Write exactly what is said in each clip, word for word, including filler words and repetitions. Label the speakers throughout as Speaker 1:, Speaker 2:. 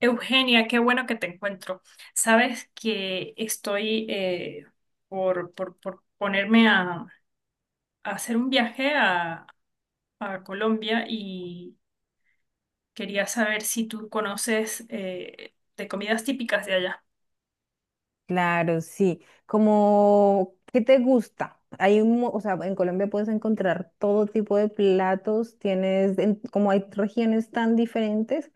Speaker 1: Eugenia, qué bueno que te encuentro. Sabes que estoy eh, por, por, por ponerme a, a hacer un viaje a, a Colombia y quería saber si tú conoces eh, de comidas típicas de allá.
Speaker 2: Claro, sí. Como, ¿qué te gusta? Hay un, mo- o sea, en Colombia puedes encontrar todo tipo de platos, tienes, en- como hay regiones tan diferentes,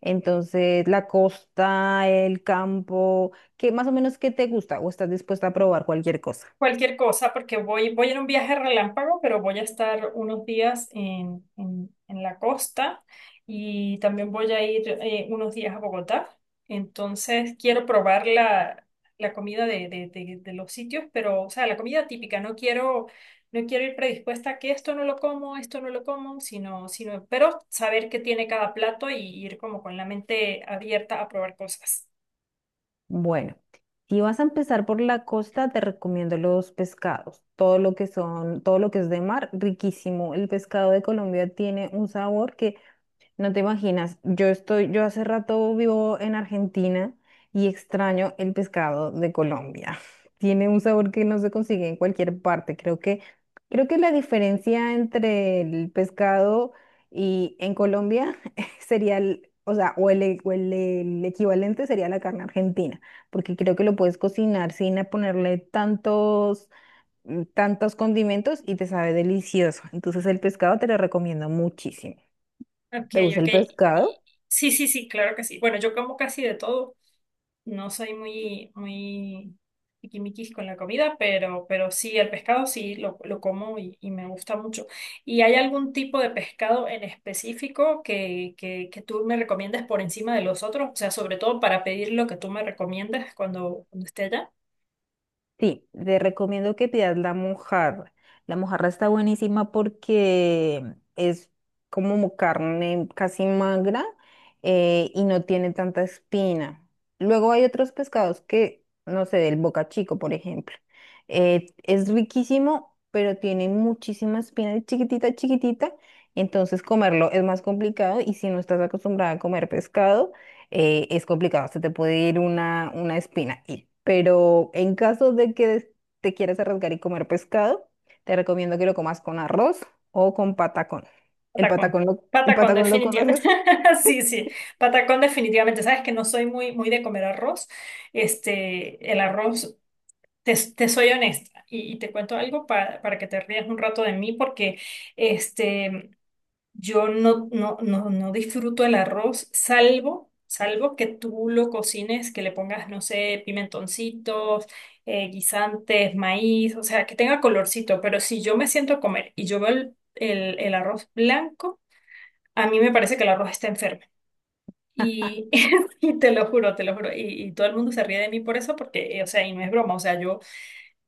Speaker 2: entonces la costa, el campo, ¿qué más o menos qué te gusta o estás dispuesta a probar cualquier cosa?
Speaker 1: Cualquier cosa, porque voy, voy en un viaje relámpago, pero voy a estar unos días en, en- en la costa y también voy a ir eh, unos días a Bogotá. Entonces quiero probar la, la comida de, de- de- de los sitios, pero, o sea, la comida típica. No quiero, no quiero ir predispuesta a que esto no lo como, esto no lo como, sino, sino, pero saber qué tiene cada plato y ir como con la mente abierta a probar cosas.
Speaker 2: Bueno, si vas a empezar por la costa, te recomiendo los pescados, todo lo que son, todo lo que es de mar, riquísimo. El pescado de Colombia tiene un sabor que no te imaginas. Yo estoy, yo hace rato vivo en Argentina y extraño el pescado de Colombia. Tiene un sabor que no se consigue en cualquier parte. Creo que, creo que la diferencia entre el pescado y en Colombia sería el, o sea, o el, e- o el, el equivalente sería la carne argentina, porque creo que lo puedes cocinar sin a ponerle tantos, mm, tantos condimentos y te sabe delicioso. Entonces el pescado te lo recomiendo muchísimo.
Speaker 1: Ok,
Speaker 2: ¿Te gusta
Speaker 1: ok.
Speaker 2: el
Speaker 1: Y-
Speaker 2: pescado?
Speaker 1: Sí, sí, sí, claro que sí. Bueno, yo como casi de todo. No soy muy, muy tiquismiquis con la comida, pero, pero sí, el pescado sí lo, lo como y, y me gusta mucho. ¿Y hay algún tipo de pescado en específico que, que, que tú me recomiendas por encima de los otros? O sea, sobre todo para pedir lo que tú me recomiendas cuando, cuando esté allá.
Speaker 2: Sí, te recomiendo que pidas la mojarra. La mojarra está buenísima porque es como carne casi magra, eh, y no tiene tanta espina. Luego hay otros pescados que, no sé, del boca chico, por ejemplo. Eh, es riquísimo, pero tiene muchísima espina, es chiquitita, chiquitita. Entonces comerlo es más complicado y si no estás acostumbrada a comer pescado, eh, es complicado, se te puede ir una, una espina. Y- pero en caso de que des- te quieras arriesgar y comer pescado, te recomiendo que lo comas con arroz o con patacón. ¿El
Speaker 1: Patacón.
Speaker 2: patacón lo, el
Speaker 1: Patacón,
Speaker 2: patacón lo
Speaker 1: definitivamente.
Speaker 2: conoces?
Speaker 1: Sí, sí. Patacón, definitivamente. Sabes que no soy muy, muy de comer arroz. Este, el arroz. Te, te soy honesta y, y te cuento algo para, para que te rías un rato de mí porque este, yo no, no, no, no disfruto el arroz salvo, salvo que tú lo cocines, que le pongas, no sé, pimentoncitos, eh, guisantes, maíz, o sea, que tenga colorcito, pero si yo me siento a comer y yo veo el, el, el arroz blanco, a mí me parece que el arroz está enfermo. Y, y te lo juro, te lo juro. Y, y todo el mundo se ríe de mí por eso, porque, eh, o sea, y no es broma, o sea, yo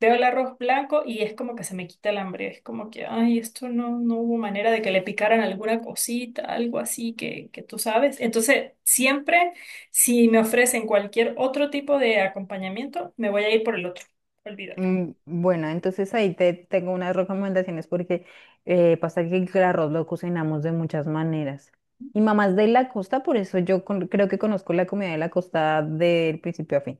Speaker 1: veo el arroz blanco y es como que se me quita el hambre, es como que, ay, esto no, no hubo manera de que le picaran alguna cosita, algo así que, que tú sabes. Entonces, siempre, si me ofrecen cualquier otro tipo de acompañamiento, me voy a ir por el otro, olvídalo.
Speaker 2: Mm, bueno, entonces ahí te tengo unas recomendaciones porque eh, pasa que el arroz lo cocinamos de muchas maneras. Y mamás de la costa, por eso yo con- creo que conozco la comida de la costa del principio a fin.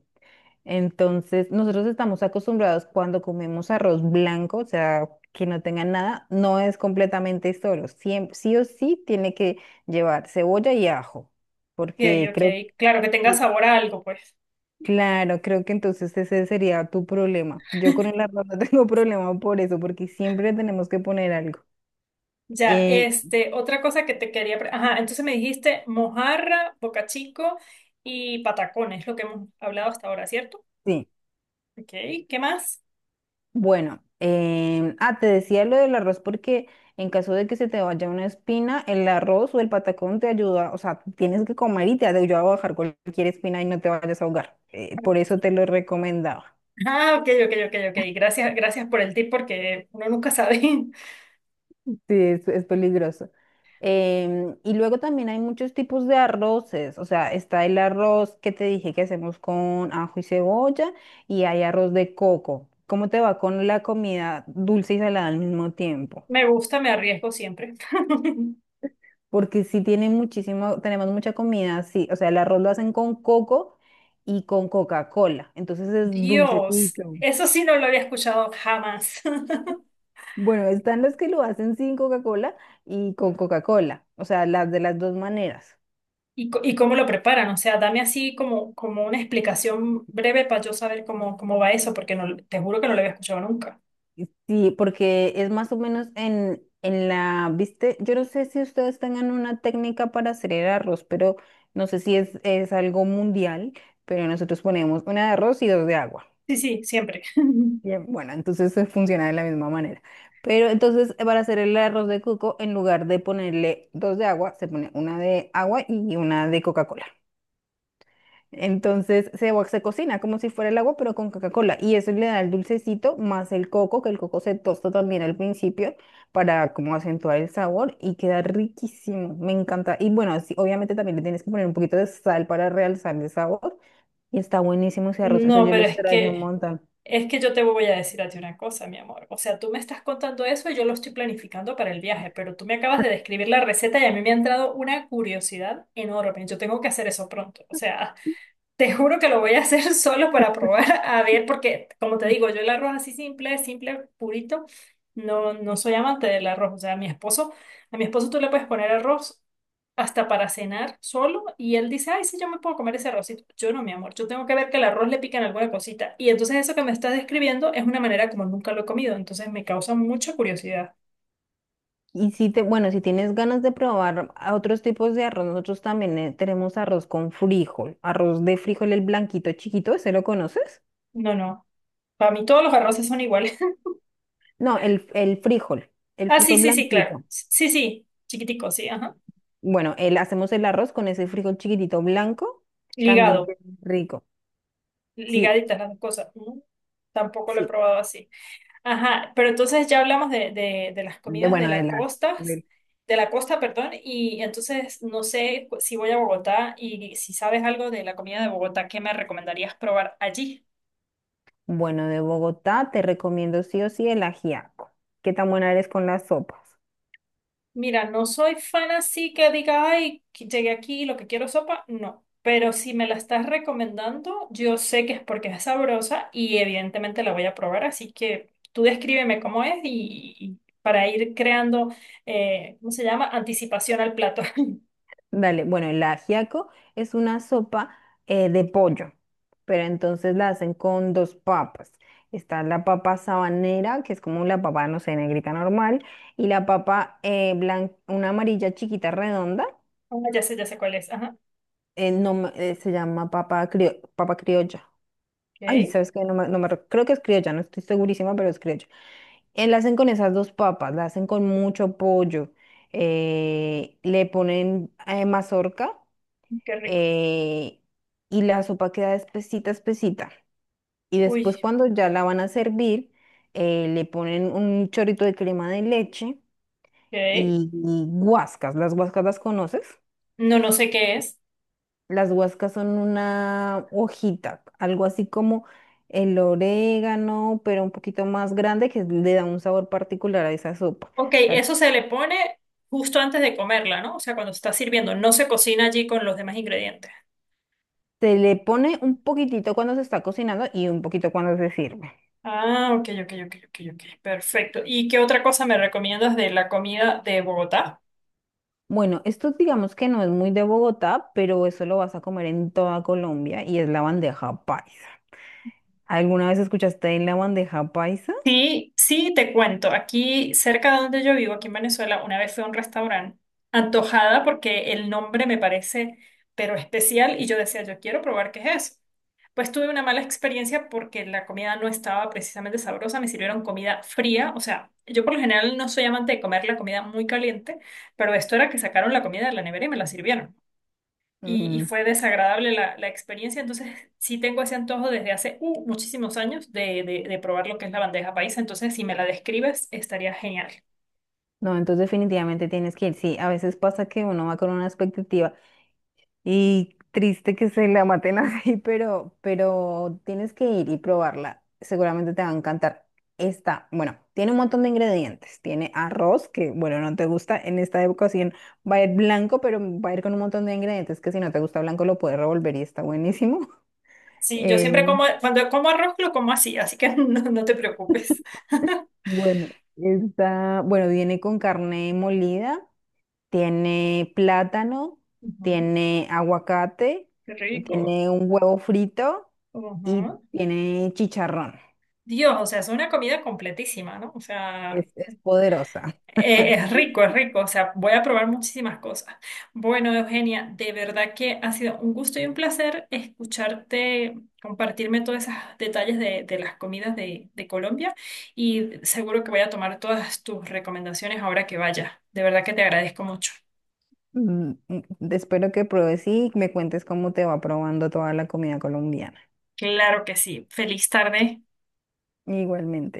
Speaker 2: Entonces, nosotros estamos acostumbrados cuando comemos arroz blanco, o sea, que no tenga nada, no es completamente solo. Siempre, sí o sí tiene que llevar cebolla y ajo,
Speaker 1: Ok,
Speaker 2: porque
Speaker 1: ok,
Speaker 2: creo,
Speaker 1: claro, que tenga
Speaker 2: cre-
Speaker 1: sabor a algo, pues.
Speaker 2: claro, creo que entonces ese sería tu problema. Yo con el arroz no tengo problema por eso, porque siempre tenemos que poner algo.
Speaker 1: Ya,
Speaker 2: Eh,
Speaker 1: este, otra cosa que te quería... pre- Ajá, entonces me dijiste mojarra, bocachico y patacón, es lo que hemos hablado hasta ahora, ¿cierto?
Speaker 2: sí.
Speaker 1: Ok, ¿qué más?
Speaker 2: Bueno, em, ah, te decía lo del arroz porque en caso de que se te vaya una espina, el arroz o el patacón te ayuda, o sea, tienes que comer y te ayuda a bajar cualquier espina y no te vayas a ahogar. Eh, por eso te lo recomendaba.
Speaker 1: Ah, ok, ok, ok, ok. Gracias, gracias por el tip porque uno nunca sabe.
Speaker 2: Sí, es, es peligroso. Em, y luego también hay muchos tipos de arroces, o sea, está el arroz que te dije que hacemos con ajo y cebolla y hay arroz de coco. ¿Cómo te va con la comida dulce y salada al mismo tiempo?
Speaker 1: Me gusta, me arriesgo siempre.
Speaker 2: Porque sí tienen muchísimo, tenemos mucha comida, sí, o sea, el arroz lo hacen con coco y con Coca-Cola, entonces es
Speaker 1: Dios,
Speaker 2: dulcecito.
Speaker 1: eso sí no lo había escuchado jamás.
Speaker 2: Bueno, están los que lo hacen sin Coca-Cola y con Coca-Cola, o sea, las de las dos maneras.
Speaker 1: ¿Y, co- y cómo lo preparan? O sea, dame así como, como una explicación breve para yo saber cómo, cómo va eso, porque no, te juro que no lo había escuchado nunca.
Speaker 2: Sí, porque es más o menos en, en la, viste, yo no sé si ustedes tengan una técnica para hacer el arroz, pero no sé si es, es algo mundial, pero nosotros ponemos una de arroz y dos de agua.
Speaker 1: Sí, sí, siempre.
Speaker 2: Bien, bueno, entonces eh, funciona de la misma manera. Pero entonces, eh, para hacer el arroz de coco, en lugar de ponerle dos de agua, se pone una de agua y una de Coca-Cola. Entonces se, va- se cocina como si fuera el agua, pero con Coca-Cola. Y eso le da el dulcecito más el coco, que el coco se tosta también al principio para como acentuar el sabor y queda riquísimo. Me encanta. Y bueno, sí, obviamente también le tienes que poner un poquito de sal para realzar el sabor. Y está buenísimo ese arroz. Eso
Speaker 1: No,
Speaker 2: yo lo
Speaker 1: pero es
Speaker 2: extraño un
Speaker 1: que...
Speaker 2: montón.
Speaker 1: Es que yo te voy a decir a ti una cosa, mi amor. O sea, tú me estás contando eso y yo lo estoy planificando para el viaje, pero tú me acabas de describir la receta y a mí me ha entrado una curiosidad enorme. Yo tengo que hacer eso pronto. O sea, te juro que lo voy a hacer solo para probar, a ver, porque como te digo, yo el arroz así simple, simple, purito, no, no soy amante del arroz. O sea, a mi esposo, a mi esposo tú le puedes poner arroz hasta para cenar solo y él dice, ay, sí, yo me puedo comer ese arrocito. Yo no, mi amor, yo tengo que ver que el arroz le pican alguna cosita. Y entonces eso que me estás describiendo es una manera como nunca lo he comido, entonces me causa mucha curiosidad.
Speaker 2: Y si te, bueno, si tienes ganas de probar a otros tipos de arroz, nosotros también eh, tenemos arroz con frijol, arroz de frijol, el blanquito chiquito, ¿ese lo conoces?
Speaker 1: No, no, para mí todos los arroces son iguales.
Speaker 2: No, el, el frijol, el
Speaker 1: Ah, sí,
Speaker 2: frijol
Speaker 1: sí, sí, claro.
Speaker 2: blanquito.
Speaker 1: Sí, sí, chiquitico, sí, ajá.
Speaker 2: Bueno, el, hacemos el arroz con ese frijol chiquitito blanco, también
Speaker 1: Ligado.
Speaker 2: que es rico. Sí,
Speaker 1: Ligaditas las dos cosas. ¿No? Tampoco lo he
Speaker 2: sí,
Speaker 1: probado así. Ajá, pero entonces ya hablamos de, de, de las
Speaker 2: de,
Speaker 1: comidas de
Speaker 2: bueno, de
Speaker 1: la
Speaker 2: la,
Speaker 1: costa,
Speaker 2: del-
Speaker 1: de la costa, perdón, y entonces no sé si voy a Bogotá y si sabes algo de la comida de Bogotá, ¿qué me recomendarías probar allí?
Speaker 2: bueno, de Bogotá te recomiendo sí o sí el ajiaco. ¿Qué tan buena eres con las sopas?
Speaker 1: Mira, no soy fan así que diga, ay, que llegué aquí, lo que quiero es sopa, no. Pero si me la estás recomendando, yo sé que es porque es sabrosa y evidentemente la voy a probar. Así que tú descríbeme cómo es y, y para ir creando, eh, ¿cómo se llama? Anticipación al plato.
Speaker 2: Dale, bueno, el ajiaco es una sopa, eh, de pollo, pero entonces la hacen con dos papas. Está la papa sabanera, que es como la papa, no sé, negrita normal, y la papa eh, blan- una amarilla chiquita redonda,
Speaker 1: Ah, ya sé, ya sé cuál es. Ajá.
Speaker 2: eh, no, me- eh, se llama papa, crio- papa criolla. Ay,
Speaker 1: Ok,
Speaker 2: ¿sabes qué? No me, no me rec- creo que es criolla, no estoy segurísima, pero es criolla. Eh, la hacen con esas dos papas, la hacen con mucho pollo, eh, le ponen eh, mazorca,
Speaker 1: qué rico.
Speaker 2: eh, y la sopa queda espesita, espesita. Y después
Speaker 1: Uy,
Speaker 2: cuando ya la van a servir, eh, le ponen un chorrito de crema de leche
Speaker 1: ok.
Speaker 2: y, y guascas. ¿Las guascas las conoces?
Speaker 1: No, no sé qué es.
Speaker 2: Las guascas son una hojita, algo así como el orégano, pero un poquito más grande que le da un sabor particular a esa sopa.
Speaker 1: Ok,
Speaker 2: O sea,
Speaker 1: eso se le pone justo antes de comerla, ¿no? O sea, cuando se está sirviendo. No se cocina allí con los demás ingredientes.
Speaker 2: se le pone un poquitito cuando se está cocinando y un poquito cuando se sirve.
Speaker 1: Ah, ok, ok, ok, ok, ok. Perfecto. ¿Y qué otra cosa me recomiendas de la comida de Bogotá?
Speaker 2: Bueno, esto digamos que no es muy de Bogotá, pero eso lo vas a comer en toda Colombia y es la bandeja paisa. ¿Alguna vez escuchaste de la bandeja paisa?
Speaker 1: Sí, sí, te cuento. Aquí, cerca de donde yo vivo, aquí en Venezuela, una vez fui a un restaurante antojada porque el nombre me parece pero especial y yo decía, yo quiero probar qué es eso. Pues tuve una mala experiencia porque la comida no estaba precisamente sabrosa, me sirvieron comida fría, o sea, yo por lo general no soy amante de comer la comida muy caliente, pero esto era que sacaron la comida de la nevera y me la sirvieron. Y, y
Speaker 2: Mm,
Speaker 1: fue desagradable la, la experiencia. Entonces, sí tengo ese antojo desde hace uh, muchísimos años de, de, de probar lo que es la bandeja paisa. Entonces, si me la describes, estaría genial.
Speaker 2: no, entonces definitivamente tienes que ir. Sí, a veces pasa que uno va con una expectativa. Y triste que se la maten así, pero, pero tienes que ir y probarla. Seguramente te va a encantar. Esta, bueno, tiene un montón de ingredientes. Tiene arroz, que bueno, no te gusta en esta época, sí va a ir blanco, pero va a ir con un montón de ingredientes que si no te gusta blanco lo puedes revolver y está buenísimo.
Speaker 1: Sí, yo siempre
Speaker 2: Eh,
Speaker 1: como, cuando como arroz, lo como así, así que no, no te preocupes.
Speaker 2: bueno, está, bueno, viene con carne molida. Tiene plátano,
Speaker 1: Ujú.
Speaker 2: tiene aguacate,
Speaker 1: Qué rico.
Speaker 2: tiene un huevo frito y
Speaker 1: Ujú.
Speaker 2: tiene chicharrón.
Speaker 1: Dios, o sea, es una comida completísima, ¿no? O sea,
Speaker 2: Es, es poderosa.
Speaker 1: eh, es rico, es rico, o sea, voy a probar muchísimas cosas. Bueno, Eugenia, de verdad que ha sido un gusto y un placer escucharte, compartirme todos esos detalles de, de las comidas de, de Colombia y seguro que voy a tomar todas tus recomendaciones ahora que vaya. De verdad que te agradezco mucho.
Speaker 2: Mm, mm, espero que pruebes y me cuentes cómo te va probando toda la comida colombiana.
Speaker 1: Claro que sí. Feliz tarde.
Speaker 2: Igualmente.